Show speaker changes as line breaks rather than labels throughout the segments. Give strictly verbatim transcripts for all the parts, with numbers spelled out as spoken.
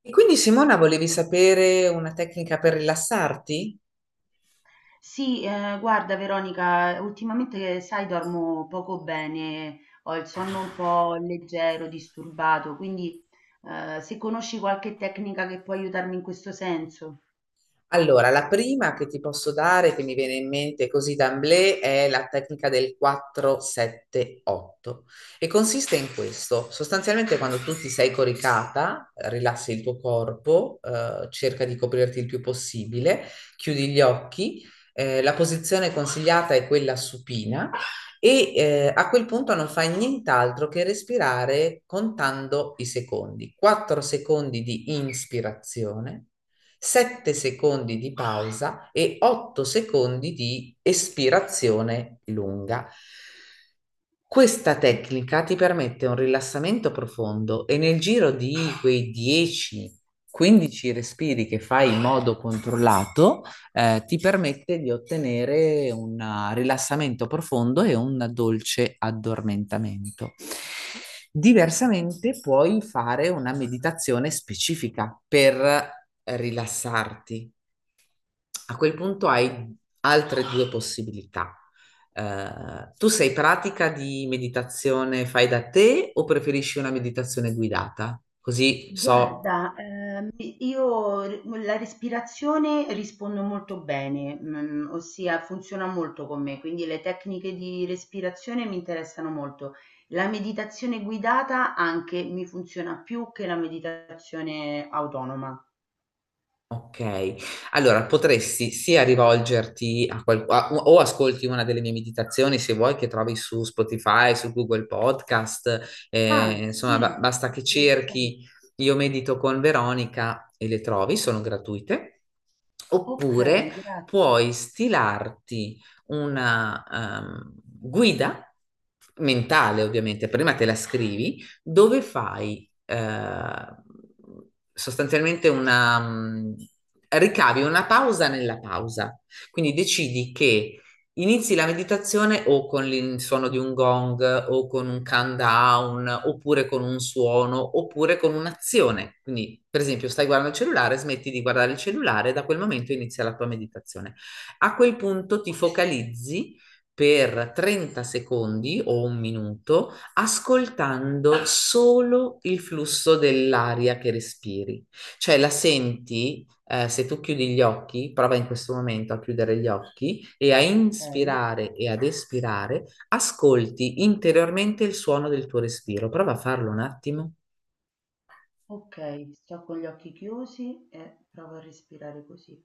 E quindi Simona, volevi sapere una tecnica per rilassarti?
Sì, ehm, guarda Veronica, ultimamente sai dormo poco bene, ho il sonno un po' leggero, disturbato, quindi eh, se conosci qualche tecnica che può aiutarmi in questo senso.
Allora, la prima che ti posso dare, che mi viene in mente così d'amblè, è la tecnica del quattro sette-otto e consiste in questo. Sostanzialmente quando tu ti sei coricata, eh, rilassi il tuo corpo, eh, cerca di coprirti il più possibile, chiudi gli occhi, eh, la posizione consigliata è quella supina e eh, a quel punto non fai nient'altro che respirare contando i secondi. quattro secondi di inspirazione. sette secondi di pausa e otto secondi di espirazione lunga. Questa tecnica ti permette un rilassamento profondo e nel giro di quei dieci quindici respiri che fai in modo controllato, eh, ti permette di ottenere un eh, rilassamento profondo e un dolce addormentamento. Diversamente puoi fare una meditazione specifica per rilassarti, a quel punto hai altre due possibilità. Eh, tu sei pratica di meditazione fai da te o preferisci una meditazione guidata? Così so.
Guarda, ehm, io re- la respirazione rispondo molto bene, mm, ossia funziona molto con me, quindi le tecniche di respirazione mi interessano molto. La meditazione guidata anche mi funziona più che la meditazione autonoma.
Ok, allora potresti sia rivolgerti a qualcuno o ascolti una delle mie meditazioni se vuoi, che trovi su Spotify, su Google Podcast, eh,
Ah,
insomma
sì,
ba- basta che
interessante.
cerchi. Io medito con Veronica e le trovi, sono gratuite, oppure
Ok, grazie.
puoi stilarti una ehm, guida mentale, ovviamente, prima te la scrivi, dove fai eh, sostanzialmente una, mh, ricavi una pausa nella pausa. Quindi decidi che inizi la meditazione o con il suono di un gong o con un countdown oppure con un suono oppure con un'azione. Quindi, per esempio, stai guardando il cellulare, smetti di guardare il cellulare, e da quel momento inizia la tua meditazione. A quel punto ti focalizzi per trenta secondi o un minuto, ascoltando solo il flusso dell'aria che respiri. Cioè la senti, eh, se tu chiudi gli occhi, prova in questo momento a chiudere gli occhi e a
Ok,
inspirare e ad espirare, ascolti interiormente il suono del tuo respiro. Prova a farlo un attimo.
ok, sto con gli occhi chiusi e provo a respirare così.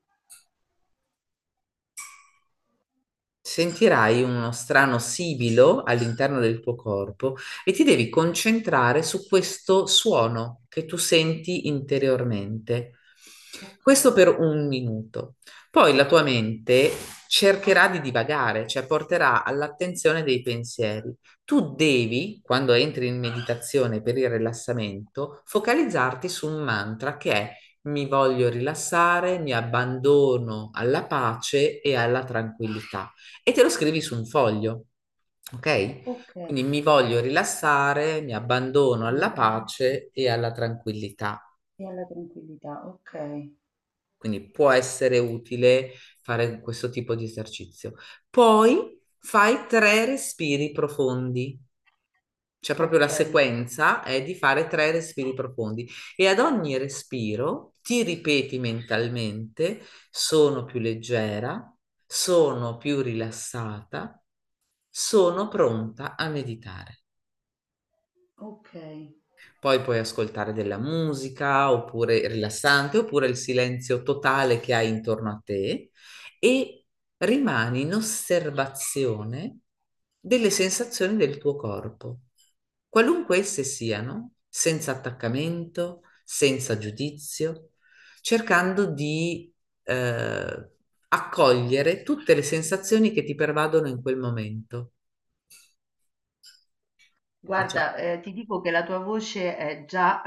Sentirai uno strano sibilo all'interno del tuo corpo e ti devi concentrare su questo suono che tu senti interiormente.
Ok,
Questo per un minuto. Poi la tua mente cercherà di divagare, cioè porterà all'attenzione dei pensieri. Tu devi, quando entri in meditazione per il rilassamento, focalizzarti su un mantra che è: mi voglio rilassare, mi abbandono alla pace e alla tranquillità, e te lo scrivi su un foglio, ok?
ok,
Quindi mi voglio rilassare, mi abbandono
una
alla
bella
pace e alla tranquillità.
alla tranquillità. Ok,
Quindi può essere utile fare questo tipo di esercizio. Poi fai tre respiri profondi. Cioè proprio la
ok,
sequenza è di fare tre respiri profondi e ad ogni respiro ti ripeti mentalmente: sono più leggera, sono più rilassata, sono pronta a meditare.
ok.
Poi puoi ascoltare della musica oppure rilassante oppure il silenzio totale che hai intorno a te e rimani in osservazione delle sensazioni del tuo corpo, qualunque esse siano, senza attaccamento, senza giudizio, cercando di eh, accogliere tutte le sensazioni che ti pervadono in quel momento. Cioè,
Guarda, ehm, ti dico che la tua voce è già,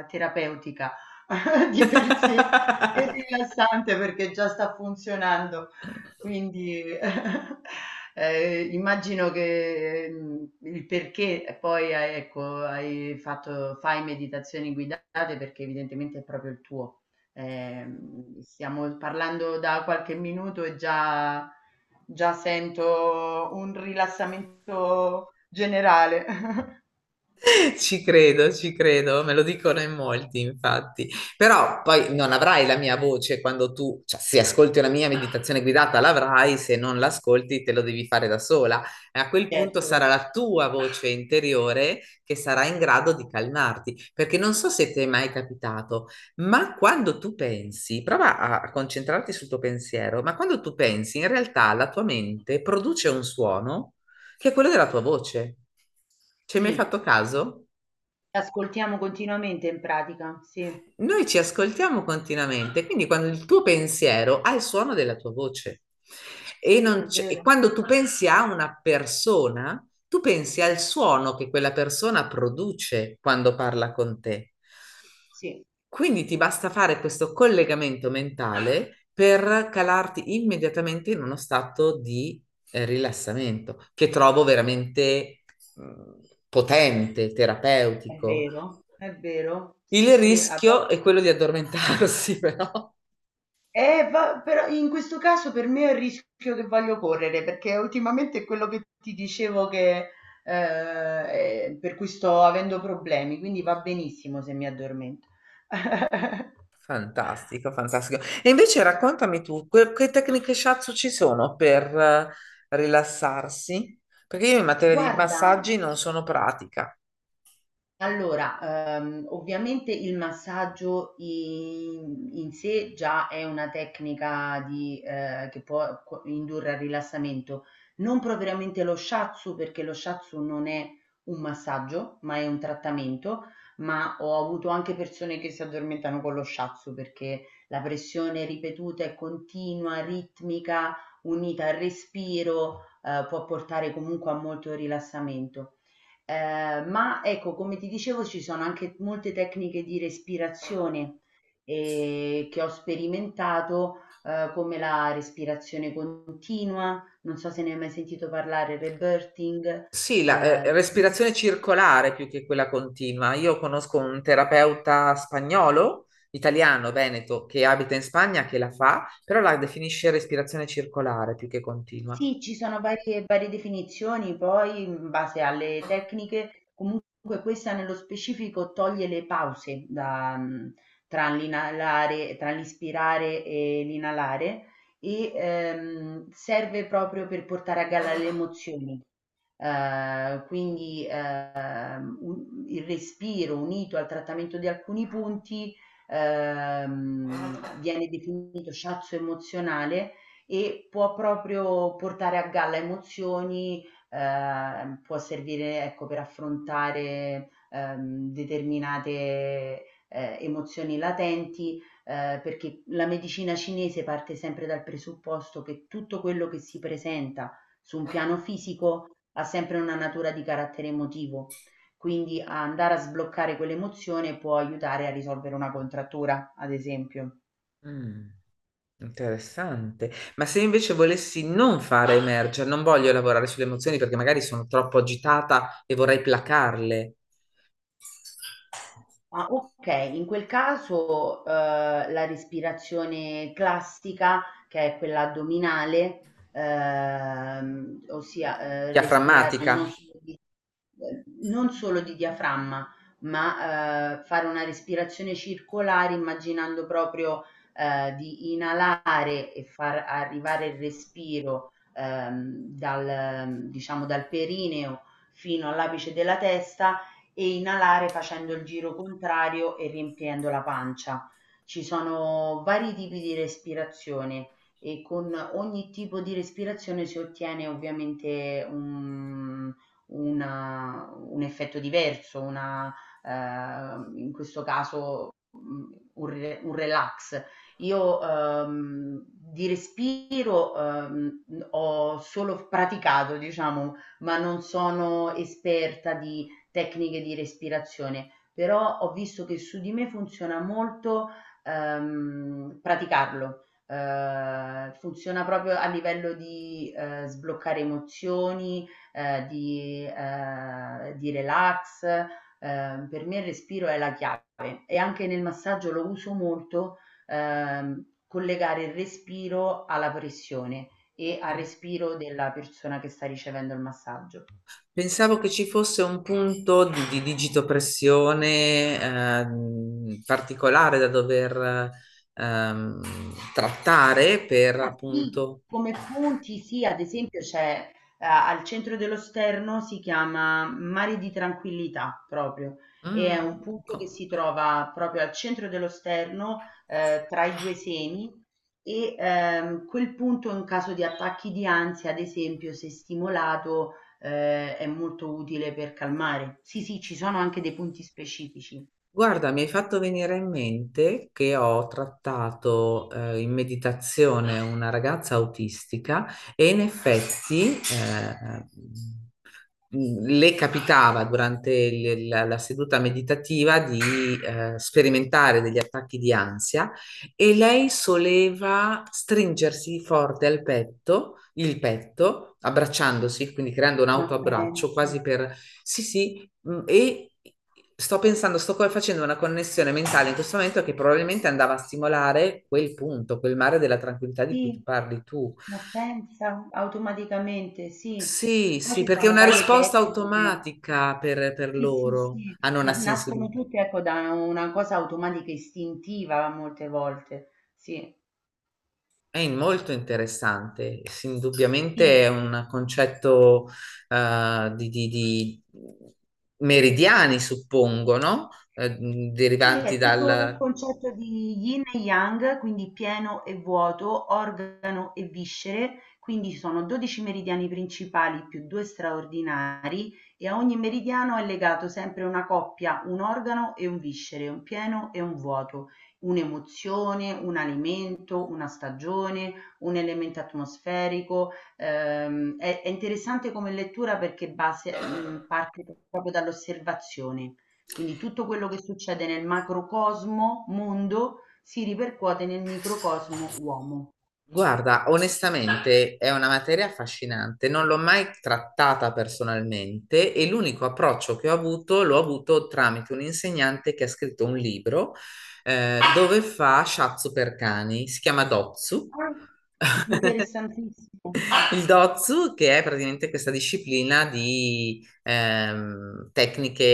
ehm, terapeutica di per sé e rilassante perché già sta funzionando. Quindi, ehm, immagino che, mhmm, il perché poi hai ecco, hai fatto fai meditazioni guidate perché evidentemente è proprio il tuo. Ehm, stiamo parlando da qualche minuto e già già sento un rilassamento generale.
ci credo, ci credo, me lo dicono in molti, infatti. Però poi non avrai la mia voce quando tu, cioè se ascolti una mia meditazione guidata l'avrai, se non l'ascolti te lo devi fare da sola. E a quel punto
Certo,
sarà la tua voce interiore che sarà in grado di calmarti, perché non so se ti è mai capitato, ma quando tu pensi, prova a concentrarti sul tuo pensiero, ma quando tu pensi, in realtà la tua mente produce un suono che è quello della tua voce. Ci hai mai
sì,
fatto caso?
ascoltiamo continuamente in pratica, sì,
Noi ci ascoltiamo continuamente, quindi quando il tuo pensiero ha il suono della tua voce e,
sì,
non
è
c'è- e
vero,
quando tu pensi a una persona, tu pensi al suono che quella persona produce quando parla con te.
sì,
Quindi ti basta fare questo collegamento mentale per calarti immediatamente in uno stato di eh, rilassamento, che trovo veramente mh, potente,
è
terapeutico.
vero, è vero, sì,
Il
sì. a vo-
rischio è quello di addormentarsi, però.
Eh, va- però in questo caso per me è il rischio che voglio correre, perché ultimamente è quello che ti dicevo che eh, eh, per cui sto avendo problemi, quindi va benissimo se mi addormento.
Fantastico, fantastico. E invece raccontami tu, que- che tecniche shiatsu ci sono per eh, rilassarsi? Perché io in materia di
Guarda.
massaggi non sono pratica.
Allora, ehm, ovviamente il massaggio in in sé già è una tecnica di ehm, che può co indurre al rilassamento. Non propriamente lo shiatsu, perché lo shiatsu non è un massaggio, ma è un trattamento, ma ho avuto anche persone che si addormentano con lo shiatsu, perché la pressione ripetuta e continua, ritmica, unita al respiro, ehm, può portare comunque a molto rilassamento. Ehm, ma ecco, come ti dicevo, ci sono anche molte tecniche di respirazione, ehm, che ho sperimentato, ehm, come la respirazione continua, non so se ne hai mai sentito parlare, rebirthing,
Sì, la eh,
ehm
respirazione circolare più che quella continua. Io conosco un terapeuta spagnolo, italiano, veneto, che abita in Spagna, che la fa, però la definisce respirazione circolare più che continua.
Sì, ci sono varie varie definizioni, poi in base alle tecniche, comunque questa nello specifico toglie le pause da, mh, tra l'inalare, tra l'ispirare e l'inalare e ehm, serve proprio per portare a galla le emozioni. Eh, quindi ehm, un- il respiro unito al trattamento di alcuni punti ehm, viene definito shiatsu emozionale e può proprio portare a galla emozioni, ehm, può servire ecco, per affrontare ehm, determinate eh, emozioni latenti, eh, perché la medicina cinese parte sempre dal presupposto che tutto quello che si presenta su un piano fisico ha sempre una natura di carattere emotivo, quindi a andare a sbloccare quell'emozione può aiutare a risolvere una contrattura, ad esempio.
Mm, interessante. Ma se invece volessi non fare emergere, non voglio lavorare sulle emozioni perché magari sono troppo agitata e vorrei placarle,
Ah, ok, in quel caso, eh, la respirazione classica, che è quella addominale, ehm, ossia eh, respirare
diaframmatica.
non solo di Uhm, non solo di diaframma, ma, uhm, fare una respirazione circolare immaginando proprio, ehm, di inalare e far arrivare il respiro, ehm, dal diciamo dal perineo fino all'apice della testa e inalare facendo il giro contrario e riempiendo la pancia. Ci sono vari tipi di respirazione e con ogni tipo di respirazione si ottiene ovviamente un una un effetto diverso, una ehm, in questo caso, mhmm, un re un relax. Io, ehm, di respiro, ehm, mhmm, ho solo f praticato, diciamo, ma non sono esperta di tecniche di respirazione, però ho visto che su di me funziona molto, ehm, praticarlo. Ehm, funziona proprio a livello di, ehm, sbloccare emozioni, ehm, di ehm, di relax, ehm, per me il respiro è la chiave e anche nel massaggio lo uso molto, ehm, collegare il respiro alla pressione e al respiro della persona che sta ricevendo il massaggio.
Pensavo che ci fosse un punto di, di digitopressione ehm, particolare da dover ehm, trattare, per
Ah, sì,
appunto.
come punti, sì, ad esempio c'è eh, al centro dello Sterno si chiama Mare di Tranquillità proprio e
Mm,
è un punto che
co-
si trova proprio al centro dello Sterno eh, tra i due semi e ehm, quel punto in caso di attacchi di ansia, ad esempio, se stimolato eh, è molto utile per calmare. Sì, sì, ci sono anche dei punti specifici.
Guarda, mi hai fatto venire in mente che ho trattato eh, in meditazione una ragazza autistica e in effetti eh, mh, le capitava durante il- la, la seduta meditativa di eh, sperimentare degli attacchi di ansia e lei soleva stringersi forte al petto, il petto, abbracciandosi, quindi creando un
Ma
autoabbraccio,
pensa.
quasi per... sì, sì. Mm, e sto pensando, sto co- facendo una connessione mentale in questo momento, che probabilmente andava a stimolare quel punto, quel mare della tranquillità di cui tu
Sì,
parli tu.
ma pensa, automaticamente, sì.
Sì,
Poi
sì,
ci
perché è
sono
una
varie
risposta
tecniche.
automatica per, per
Sì, sì,
loro,
sì,
hanno una
ma nascono
sensibilità.
tutte, ecco, da una cosa automatica, istintiva molte volte. Sì,
È in- molto interessante, sì,
sì.
indubbiamente è un concetto eh, di, di- di meridiani, suppongo, no? Eh, mh,
Sì,
derivanti
è tutto un
dal...
concetto di yin e yang, quindi pieno e vuoto, organo e viscere, quindi ci sono dodici meridiani principali più due straordinari e a ogni meridiano è legato sempre una coppia, un organo e un viscere, un pieno e un vuoto, un'emozione, un alimento, una stagione, un elemento atmosferico. Ehm, è, è interessante come lettura perché base- mh, parte proprio dall'osservazione. Quindi tutto quello che succede nel macrocosmo mondo si ripercuote nel microcosmo uomo.
Guarda, onestamente è una materia affascinante, non l'ho mai trattata personalmente e l'unico approccio che ho avuto l'ho avuto tramite un insegnante che ha scritto un libro eh, dove fa shiatsu per cani, si chiama Dotsu.
Ah, interessantissimo
Il Dozu, che è praticamente questa disciplina di ehm, tecniche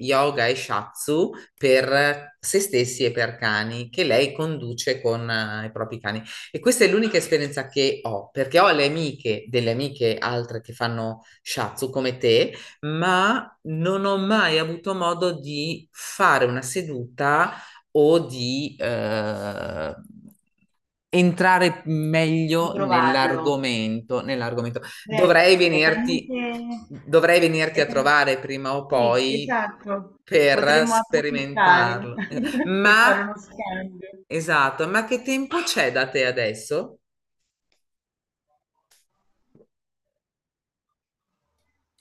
yoga e shatsu per se stessi e per cani, che lei conduce con eh, i propri cani. E questa è l'unica esperienza che ho, perché ho le amiche, delle amiche altre che fanno shatsu come te, ma non ho mai avuto modo di fare una seduta o di eh, entrare
di
meglio
provarlo.
nell'argomento, nell'argomento.
Beh,
Dovrei
è
venirti,
talmente...
dovrei venirti
è
a
tal-
trovare prima o
Sì,
poi
esatto.
per
Potremmo approfittare
sperimentarlo. Eh,
e fare
Ma,
uno scambio.
esatto, ma che tempo c'è da te adesso?